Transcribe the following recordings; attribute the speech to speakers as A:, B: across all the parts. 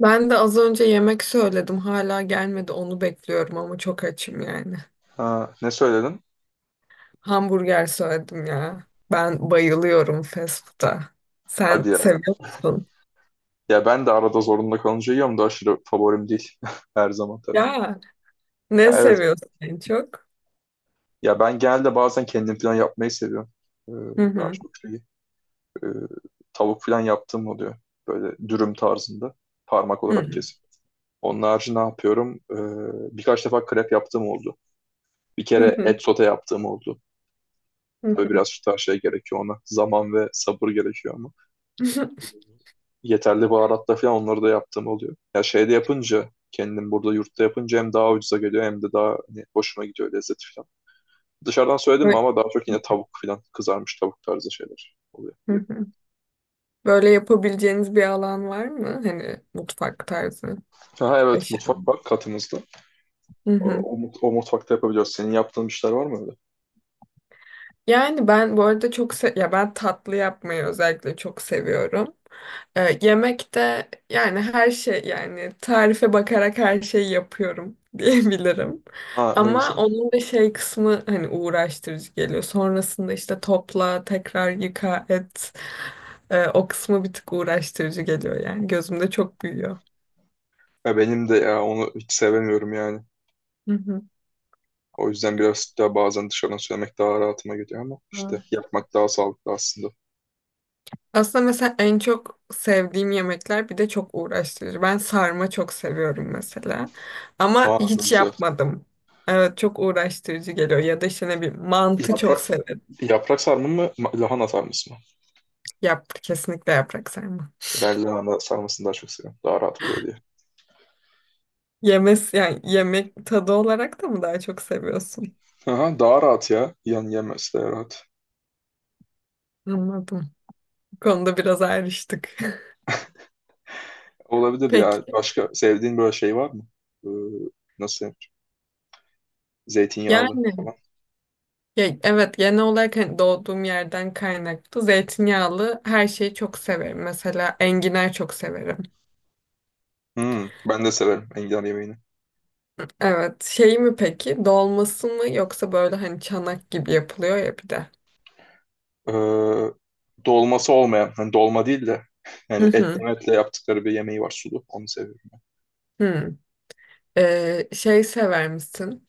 A: Ben de az önce yemek söyledim. Hala gelmedi. Onu bekliyorum ama çok açım yani.
B: Ha, ne söyledin?
A: Hamburger söyledim ya. Ben bayılıyorum fast food'a. Sen
B: Hadi ya.
A: seviyor musun?
B: Ya ben de arada zorunda kalınca yiyorum da aşırı favorim değil. Her zaman tabii.
A: Ya
B: Ya
A: ne
B: evet.
A: seviyorsun en çok?
B: Ya ben genelde bazen kendim falan yapmayı seviyorum. Ee,
A: Hı
B: daha
A: hı.
B: çok şeyi. ee, Tavuk falan yaptığım oluyor. Böyle dürüm tarzında. Parmak olarak
A: Hı
B: kesip. Onun harici ne yapıyorum? Birkaç defa krep yaptığım oldu. Bir kere
A: hı.
B: et sote yaptığım oldu.
A: Hı
B: Tabii
A: hı.
B: biraz şu tarz şey gerekiyor ona. Zaman ve sabır gerekiyor ama yeterli baharatla falan onları da yaptığım oluyor. Ya şeyde yapınca kendim burada yurtta yapınca hem daha ucuza geliyor hem de daha hani, hoşuma gidiyor lezzeti falan. Dışarıdan söyledim mi
A: Bö-
B: ama daha çok yine tavuk falan kızarmış tavuk tarzı şeyler oluyor
A: hı
B: diyor.
A: hı. Böyle yapabileceğiniz bir alan var mı? Hani mutfak tarzı.
B: Ha evet,
A: Eşya.
B: mutfak var katımızda.
A: Hı hı.
B: O mutfakta yapabiliyoruz. Senin yaptığın işler var mı öyle?
A: Yani ben bu arada çok se ya ben tatlı yapmayı özellikle çok seviyorum. Yemekte yani her şey yani tarife bakarak her şeyi yapıyorum diyebilirim.
B: Ha ne
A: Ama
B: güzel.
A: onun da şey kısmı hani uğraştırıcı geliyor. Sonrasında işte topla, tekrar yıka, et. O kısmı bir tık uğraştırıcı geliyor yani. Gözümde çok büyüyor.
B: Ya benim de ya onu hiç sevemiyorum yani.
A: Hı
B: O yüzden biraz daha bazen dışarıdan söylemek daha rahatıma geliyor ama
A: hı.
B: işte yapmak daha sağlıklı aslında.
A: Aslında mesela en çok sevdiğim yemekler bir de çok uğraştırıcı. Ben sarma çok seviyorum mesela. Ama
B: Aa ne
A: hiç
B: güzel.
A: yapmadım. Evet çok uğraştırıcı geliyor. Ya da işte ne bileyim mantı
B: Yaprak,
A: çok severim.
B: Yaprak sarma mı, lahana sarması mı?
A: Kesinlikle yaprak sarma.
B: Ben lahana sarmasını daha çok seviyorum. Daha rahat oluyor diye.
A: Yani yemek tadı olarak da mı daha çok seviyorsun?
B: Aha, daha rahat ya. Yan yemesi de rahat.
A: Anladım. Bu konuda biraz ayrıştık.
B: Olabilir
A: Peki.
B: ya. Başka sevdiğin böyle şey var mı? Ee, Nasıl denir?
A: Yani
B: Zeytinyağlı falan.
A: ya, evet genel olarak hani doğduğum yerden kaynaklı zeytinyağlı her şeyi çok severim. Mesela enginar çok severim.
B: Hmm, ben de severim enginar yemeğini.
A: Evet. Şey mi peki? Dolması mı yoksa böyle hani çanak gibi yapılıyor ya bir de.
B: Ee, Dolması olmayan, hani dolma değil de
A: Hı
B: yani etle
A: hı.
B: metle yaptıkları bir yemeği var sulu. Onu seviyorum.
A: Hı. Şey sever misin?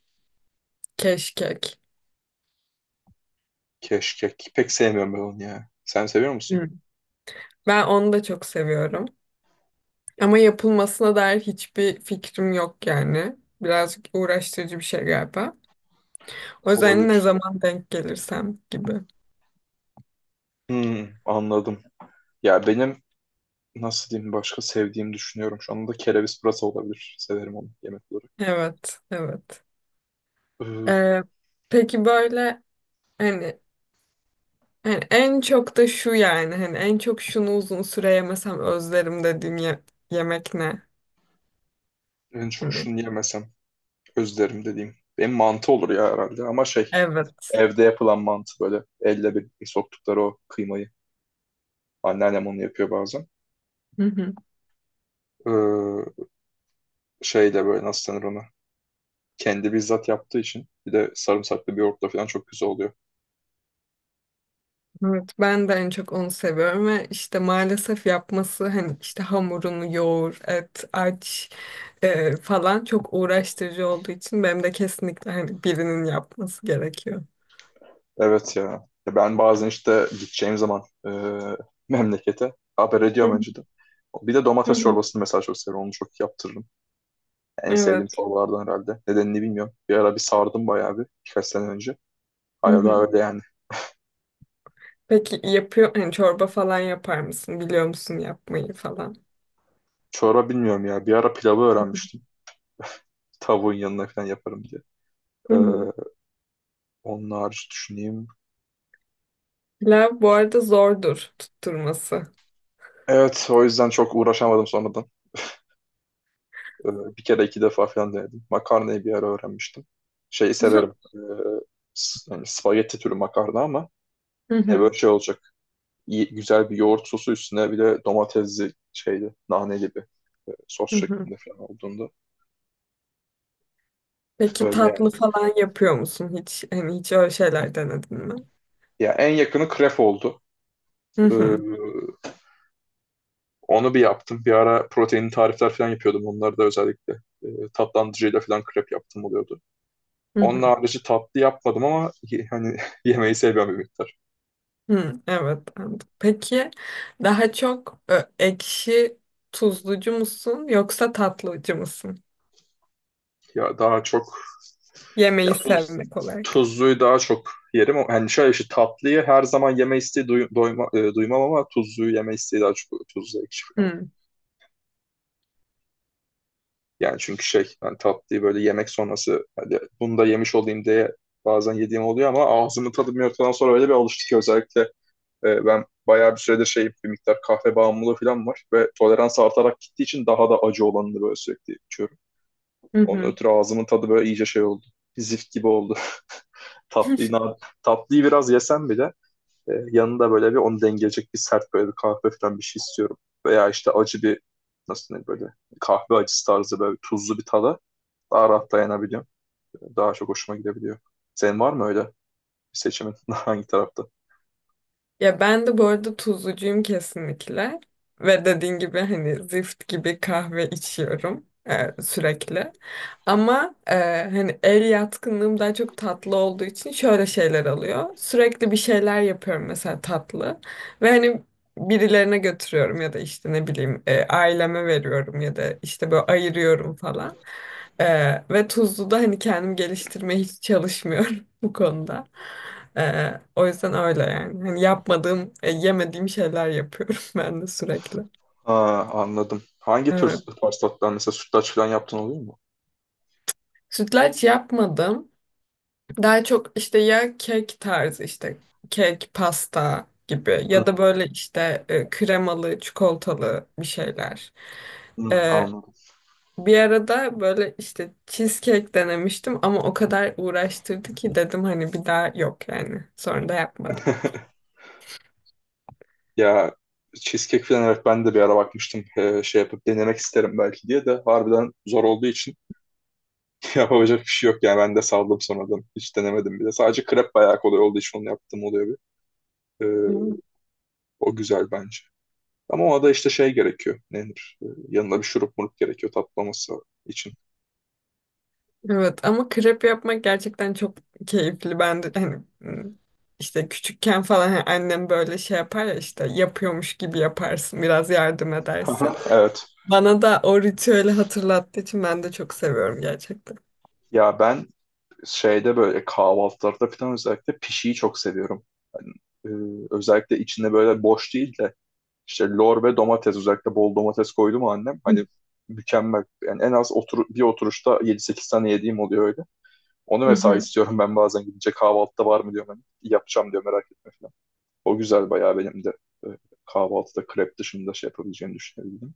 A: Keşkek.
B: Keşkek. Pek sevmiyorum ben onu ya. Sen seviyor musun?
A: Hı. Ben onu da çok seviyorum. Ama yapılmasına dair hiçbir fikrim yok yani. Birazcık uğraştırıcı bir şey galiba. O yüzden ne
B: Olabilir.
A: zaman denk gelirsem gibi.
B: Hmm, anladım. Ya benim nasıl diyeyim, başka sevdiğimi düşünüyorum. Şu anda kereviz pırasa olabilir. Severim onu yemek olarak.
A: Evet, evet.
B: Ee,
A: Ee, peki böyle hani Yani en çok da şu yani hani en çok şunu uzun süre yemesem özlerim dediğim yemek ne?
B: En çok
A: Hani
B: şunu yemesem özlerim dediğim. Benim mantı olur ya herhalde, ama şey,
A: evet.
B: evde yapılan mantı, böyle elle bir soktukları o kıymayı. Anneannem onu yapıyor bazen.
A: Hı hı.
B: Ee, Şey de böyle, nasıl denir ona. Kendi bizzat yaptığı için bir de sarımsaklı bir yoğurtla falan çok güzel oluyor.
A: Evet ben de en çok onu seviyorum ve işte maalesef yapması hani işte hamurunu yoğur, et, aç falan çok uğraştırıcı olduğu için benim de kesinlikle hani birinin yapması gerekiyor.
B: Evet ya. Ya ben bazen işte gideceğim zaman memlekete haber
A: Hı
B: ediyorum
A: hı.
B: önceden. Bir de
A: Hı
B: domates
A: hı.
B: çorbasını mesela çok seviyorum. Onu çok yaptırırım. En sevdiğim
A: Evet.
B: çorbalardan herhalde. Nedenini bilmiyorum. Bir ara bir sardım bayağı, bir birkaç sene önce.
A: Hı
B: Hala daha
A: hı.
B: öyle yani.
A: Peki yapıyor hani çorba falan yapar mısın? Biliyor musun yapmayı falan?
B: Çorba bilmiyorum ya. Bir ara pilavı öğrenmiştim. Tavuğun yanına falan yaparım diye.
A: Hı
B: Ee,
A: hı.
B: Onun hariç düşüneyim.
A: Pilav bu arada zordur tutturması.
B: Evet, o yüzden çok uğraşamadım sonradan. Ee, Bir kere iki defa falan denedim. Makarnayı bir ara öğrenmiştim. Şeyi severim. Yani spagetti türü makarna, ama
A: Hı
B: yine
A: hı,
B: böyle şey olacak. İyi, güzel bir yoğurt sosu üstüne bir de domatesli şeydi. Nane gibi sos
A: hı hı.
B: şeklinde falan olduğunda.
A: Peki
B: Öyle
A: tatlı
B: yani.
A: falan yapıyor musun hiç? Hani hiç öyle şeyler denedin mi?
B: Ya en yakını krep oldu.
A: Hı
B: Ee,
A: hı,
B: Onu bir yaptım. Bir ara proteinli tarifler falan yapıyordum. Onları da özellikle e, tatlandırıcıyla falan krep yaptım oluyordu.
A: hı hı,
B: Onun harici tatlı yapmadım, ama hani yemeği seviyorum bir miktar.
A: hı. Evet. Anladım. Peki daha çok ekşi tuzlucu musun yoksa tatlıcı mısın?
B: Ya daha çok ya
A: Yemeği
B: tuz
A: sevmek olarak.
B: Tuzluyu daha çok yerim. Yani şöyle bir şey, tatlıyı her zaman yeme isteği duymam, ama tuzluyu yeme isteği daha çok, tuzlu ekşi falan.
A: Hı
B: Yani çünkü şey, hani tatlıyı böyle yemek sonrası, hani bunu da yemiş olayım diye bazen yediğim oluyor, ama ağzımın tadı bir noktadan sonra öyle bir alıştı ki, özellikle ben bayağı bir süredir şey, bir miktar kahve bağımlılığı falan var ve tolerans artarak gittiği için daha da acı olanını böyle sürekli içiyorum.
A: hı,
B: Onun
A: hı.
B: ötürü ağzımın tadı böyle iyice şey oldu. Zift gibi oldu. Tatlıyı, na- Tatlıyı biraz yesem bile yanında böyle bir onu dengeleyecek bir sert, böyle bir kahve falan bir şey istiyorum. Veya işte acı bir, nasıl diyeyim, böyle kahve acısı tarzı böyle tuzlu bir tada daha rahat dayanabiliyorum. Daha çok hoşuma gidebiliyor. Senin var mı öyle bir seçimin hangi tarafta?
A: Ya ben de bu arada tuzlucuyum kesinlikle. Ve dediğin gibi hani zift gibi kahve içiyorum sürekli. Ama hani el yatkınlığım daha çok tatlı olduğu için şöyle şeyler alıyor. Sürekli bir şeyler yapıyorum mesela tatlı. Ve hani birilerine götürüyorum ya da işte ne bileyim aileme veriyorum ya da işte böyle ayırıyorum falan. E, Ve tuzluda hani kendim geliştirmeye hiç çalışmıyorum bu konuda. O yüzden öyle yani. Hani yapmadığım, yemediğim şeyler yapıyorum ben de sürekli.
B: Ha, anladım. Hangi tür
A: Evet.
B: pastalar, mesela sütlaç falan yaptın, oluyor mu?
A: Sütlaç yapmadım. Daha çok işte ya kek tarzı işte kek, pasta gibi
B: Hı,
A: ya da böyle işte kremalı, çikolatalı bir şeyler.
B: hı,
A: Ee,
B: anladım.
A: Bir arada böyle işte cheesecake denemiştim ama o kadar uğraştırdı ki dedim hani bir daha yok yani. Sonra da yapmadım.
B: Ya cheesecake falan, evet, ben de bir ara bakmıştım. Şey yapıp denemek isterim belki diye de, harbiden zor olduğu için yapabilecek bir şey yok yani, ben de saldım sonradan, hiç denemedim bile. Sadece krep bayağı kolay olduğu için onu yaptım oluyor bir. Ee,
A: Evet.
B: O güzel bence, ama ona da işte şey gerekiyor, nedir, yanına bir şurup murup gerekiyor tatlaması için.
A: Evet, ama krep yapmak gerçekten çok keyifli. Ben de hani işte küçükken falan hani annem böyle şey yapar ya işte yapıyormuş gibi yaparsın biraz yardım edersin.
B: Evet,
A: Bana da o ritüeli hatırlattığı için ben de çok seviyorum gerçekten.
B: ya ben şeyde böyle kahvaltılarda falan özellikle pişiyi çok seviyorum. Yani, e, özellikle içinde böyle boş değil de işte lor ve domates, özellikle bol domates koydu mu annem,
A: Hı
B: hani mükemmel. Yani en az bir oturuşta yedi sekiz tane yediğim oluyor öyle. Onu mesela
A: hı.
B: istiyorum ben, bazen gidince kahvaltıda var mı diyorum, hani yapacağım diyor, merak etme falan. O güzel bayağı. Benim de e, kahvaltıda krep dışında şey yapabileceğimi düşünebildim.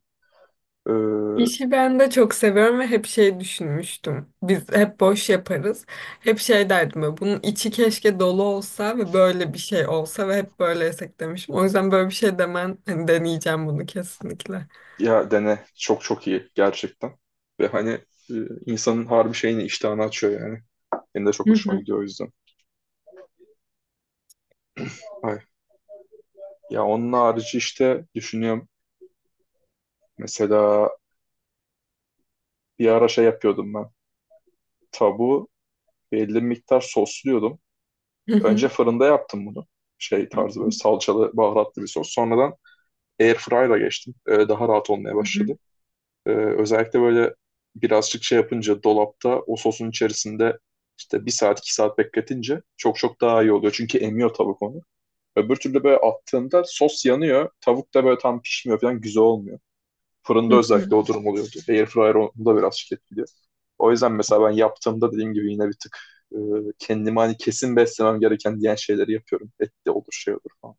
B: E,
A: İşi ben de çok seviyorum ve hep şey düşünmüştüm. Biz hep boş yaparız. Hep şey derdim böyle, bunun içi keşke dolu olsa ve böyle bir şey olsa ve hep böyle yesek demişim. O yüzden böyle bir şey demen, hani deneyeceğim bunu kesinlikle.
B: Ya dene, çok çok iyi gerçekten. Ve hani e, insanın harbi şeyini, iştahını açıyor yani. Benim de çok
A: Hı
B: hoşuma
A: hı,
B: gidiyor o yüzden. Ay. Ya onun harici işte düşünüyorum. Mesela bir ara şey yapıyordum ben. Tavuğu belli bir miktar sosluyordum.
A: hı
B: Önce
A: hı,
B: fırında yaptım bunu. Şey
A: hı
B: tarzı böyle salçalı, baharatlı bir sos. Sonradan airfryer'a geçtim. Daha rahat olmaya
A: hı,
B: başladı. Özellikle böyle birazcık şey yapınca, dolapta o sosun içerisinde işte 1 saat 2 saat bekletince çok çok daha iyi oluyor. Çünkü emiyor tavuk onu. Öbür türlü böyle attığında sos yanıyor. Tavuk da böyle tam pişmiyor falan, güzel olmuyor. Fırında
A: hı
B: özellikle
A: hı,
B: o durum oluyordu. Airfryer onu da biraz etkiliyor. O yüzden mesela ben yaptığımda, dediğim gibi, yine bir tık e, kendime hani kesin beslemem gereken diyen şeyleri yapıyorum. Et de olur şey olur falan.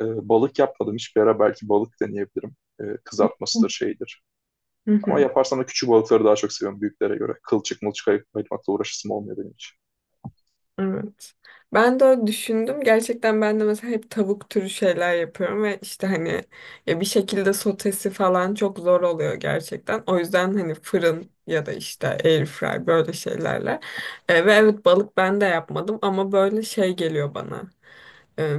B: Balık yapmadım hiçbir ara belki balık deneyebilirim. Kızartmasıdır şeydir.
A: hı
B: Ama
A: hı.
B: yaparsam da küçük balıkları daha çok seviyorum büyüklere göre. Kılçık mılçık ayırmakla uğraşısım olmuyor benim için.
A: Evet. Ben de öyle düşündüm. Gerçekten ben de mesela hep tavuk türü şeyler yapıyorum ve işte hani ya bir şekilde sotesi falan çok zor oluyor gerçekten. O yüzden hani fırın ya da işte air fry böyle şeylerle. Ve evet balık ben de yapmadım ama böyle şey geliyor bana. E,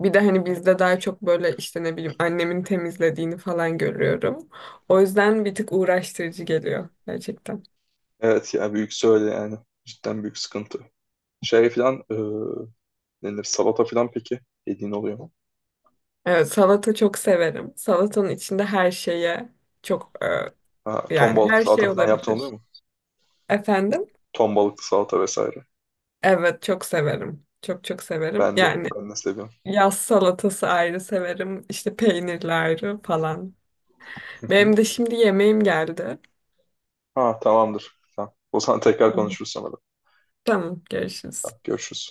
A: Bir de hani bizde daha çok böyle işte ne bileyim annemin temizlediğini falan görüyorum. O yüzden bir tık uğraştırıcı geliyor gerçekten.
B: Evet yani büyük söyle yani. Cidden büyük sıkıntı. Şey filan e, Denir salata filan, peki yediğin oluyor mu?
A: Evet, salata çok severim. Salatanın içinde her şeye çok
B: Ha, ton
A: yani
B: balıklı
A: her
B: salata
A: şey
B: filan yaptığın
A: olabilir.
B: oluyor mu?
A: Efendim?
B: Ton balıklı salata vesaire.
A: Evet çok severim. Çok çok severim.
B: Ben de.
A: Yani
B: Ben de seviyorum.
A: yaz salatası ayrı severim. İşte peynirli ayrı falan.
B: Hı hı.
A: Benim de şimdi yemeğim geldi.
B: Ha tamamdır. Tamam. O zaman tekrar
A: Tamam.
B: konuşuruz sonra da.
A: Tamam görüşürüz.
B: Tamam, görüşürüz.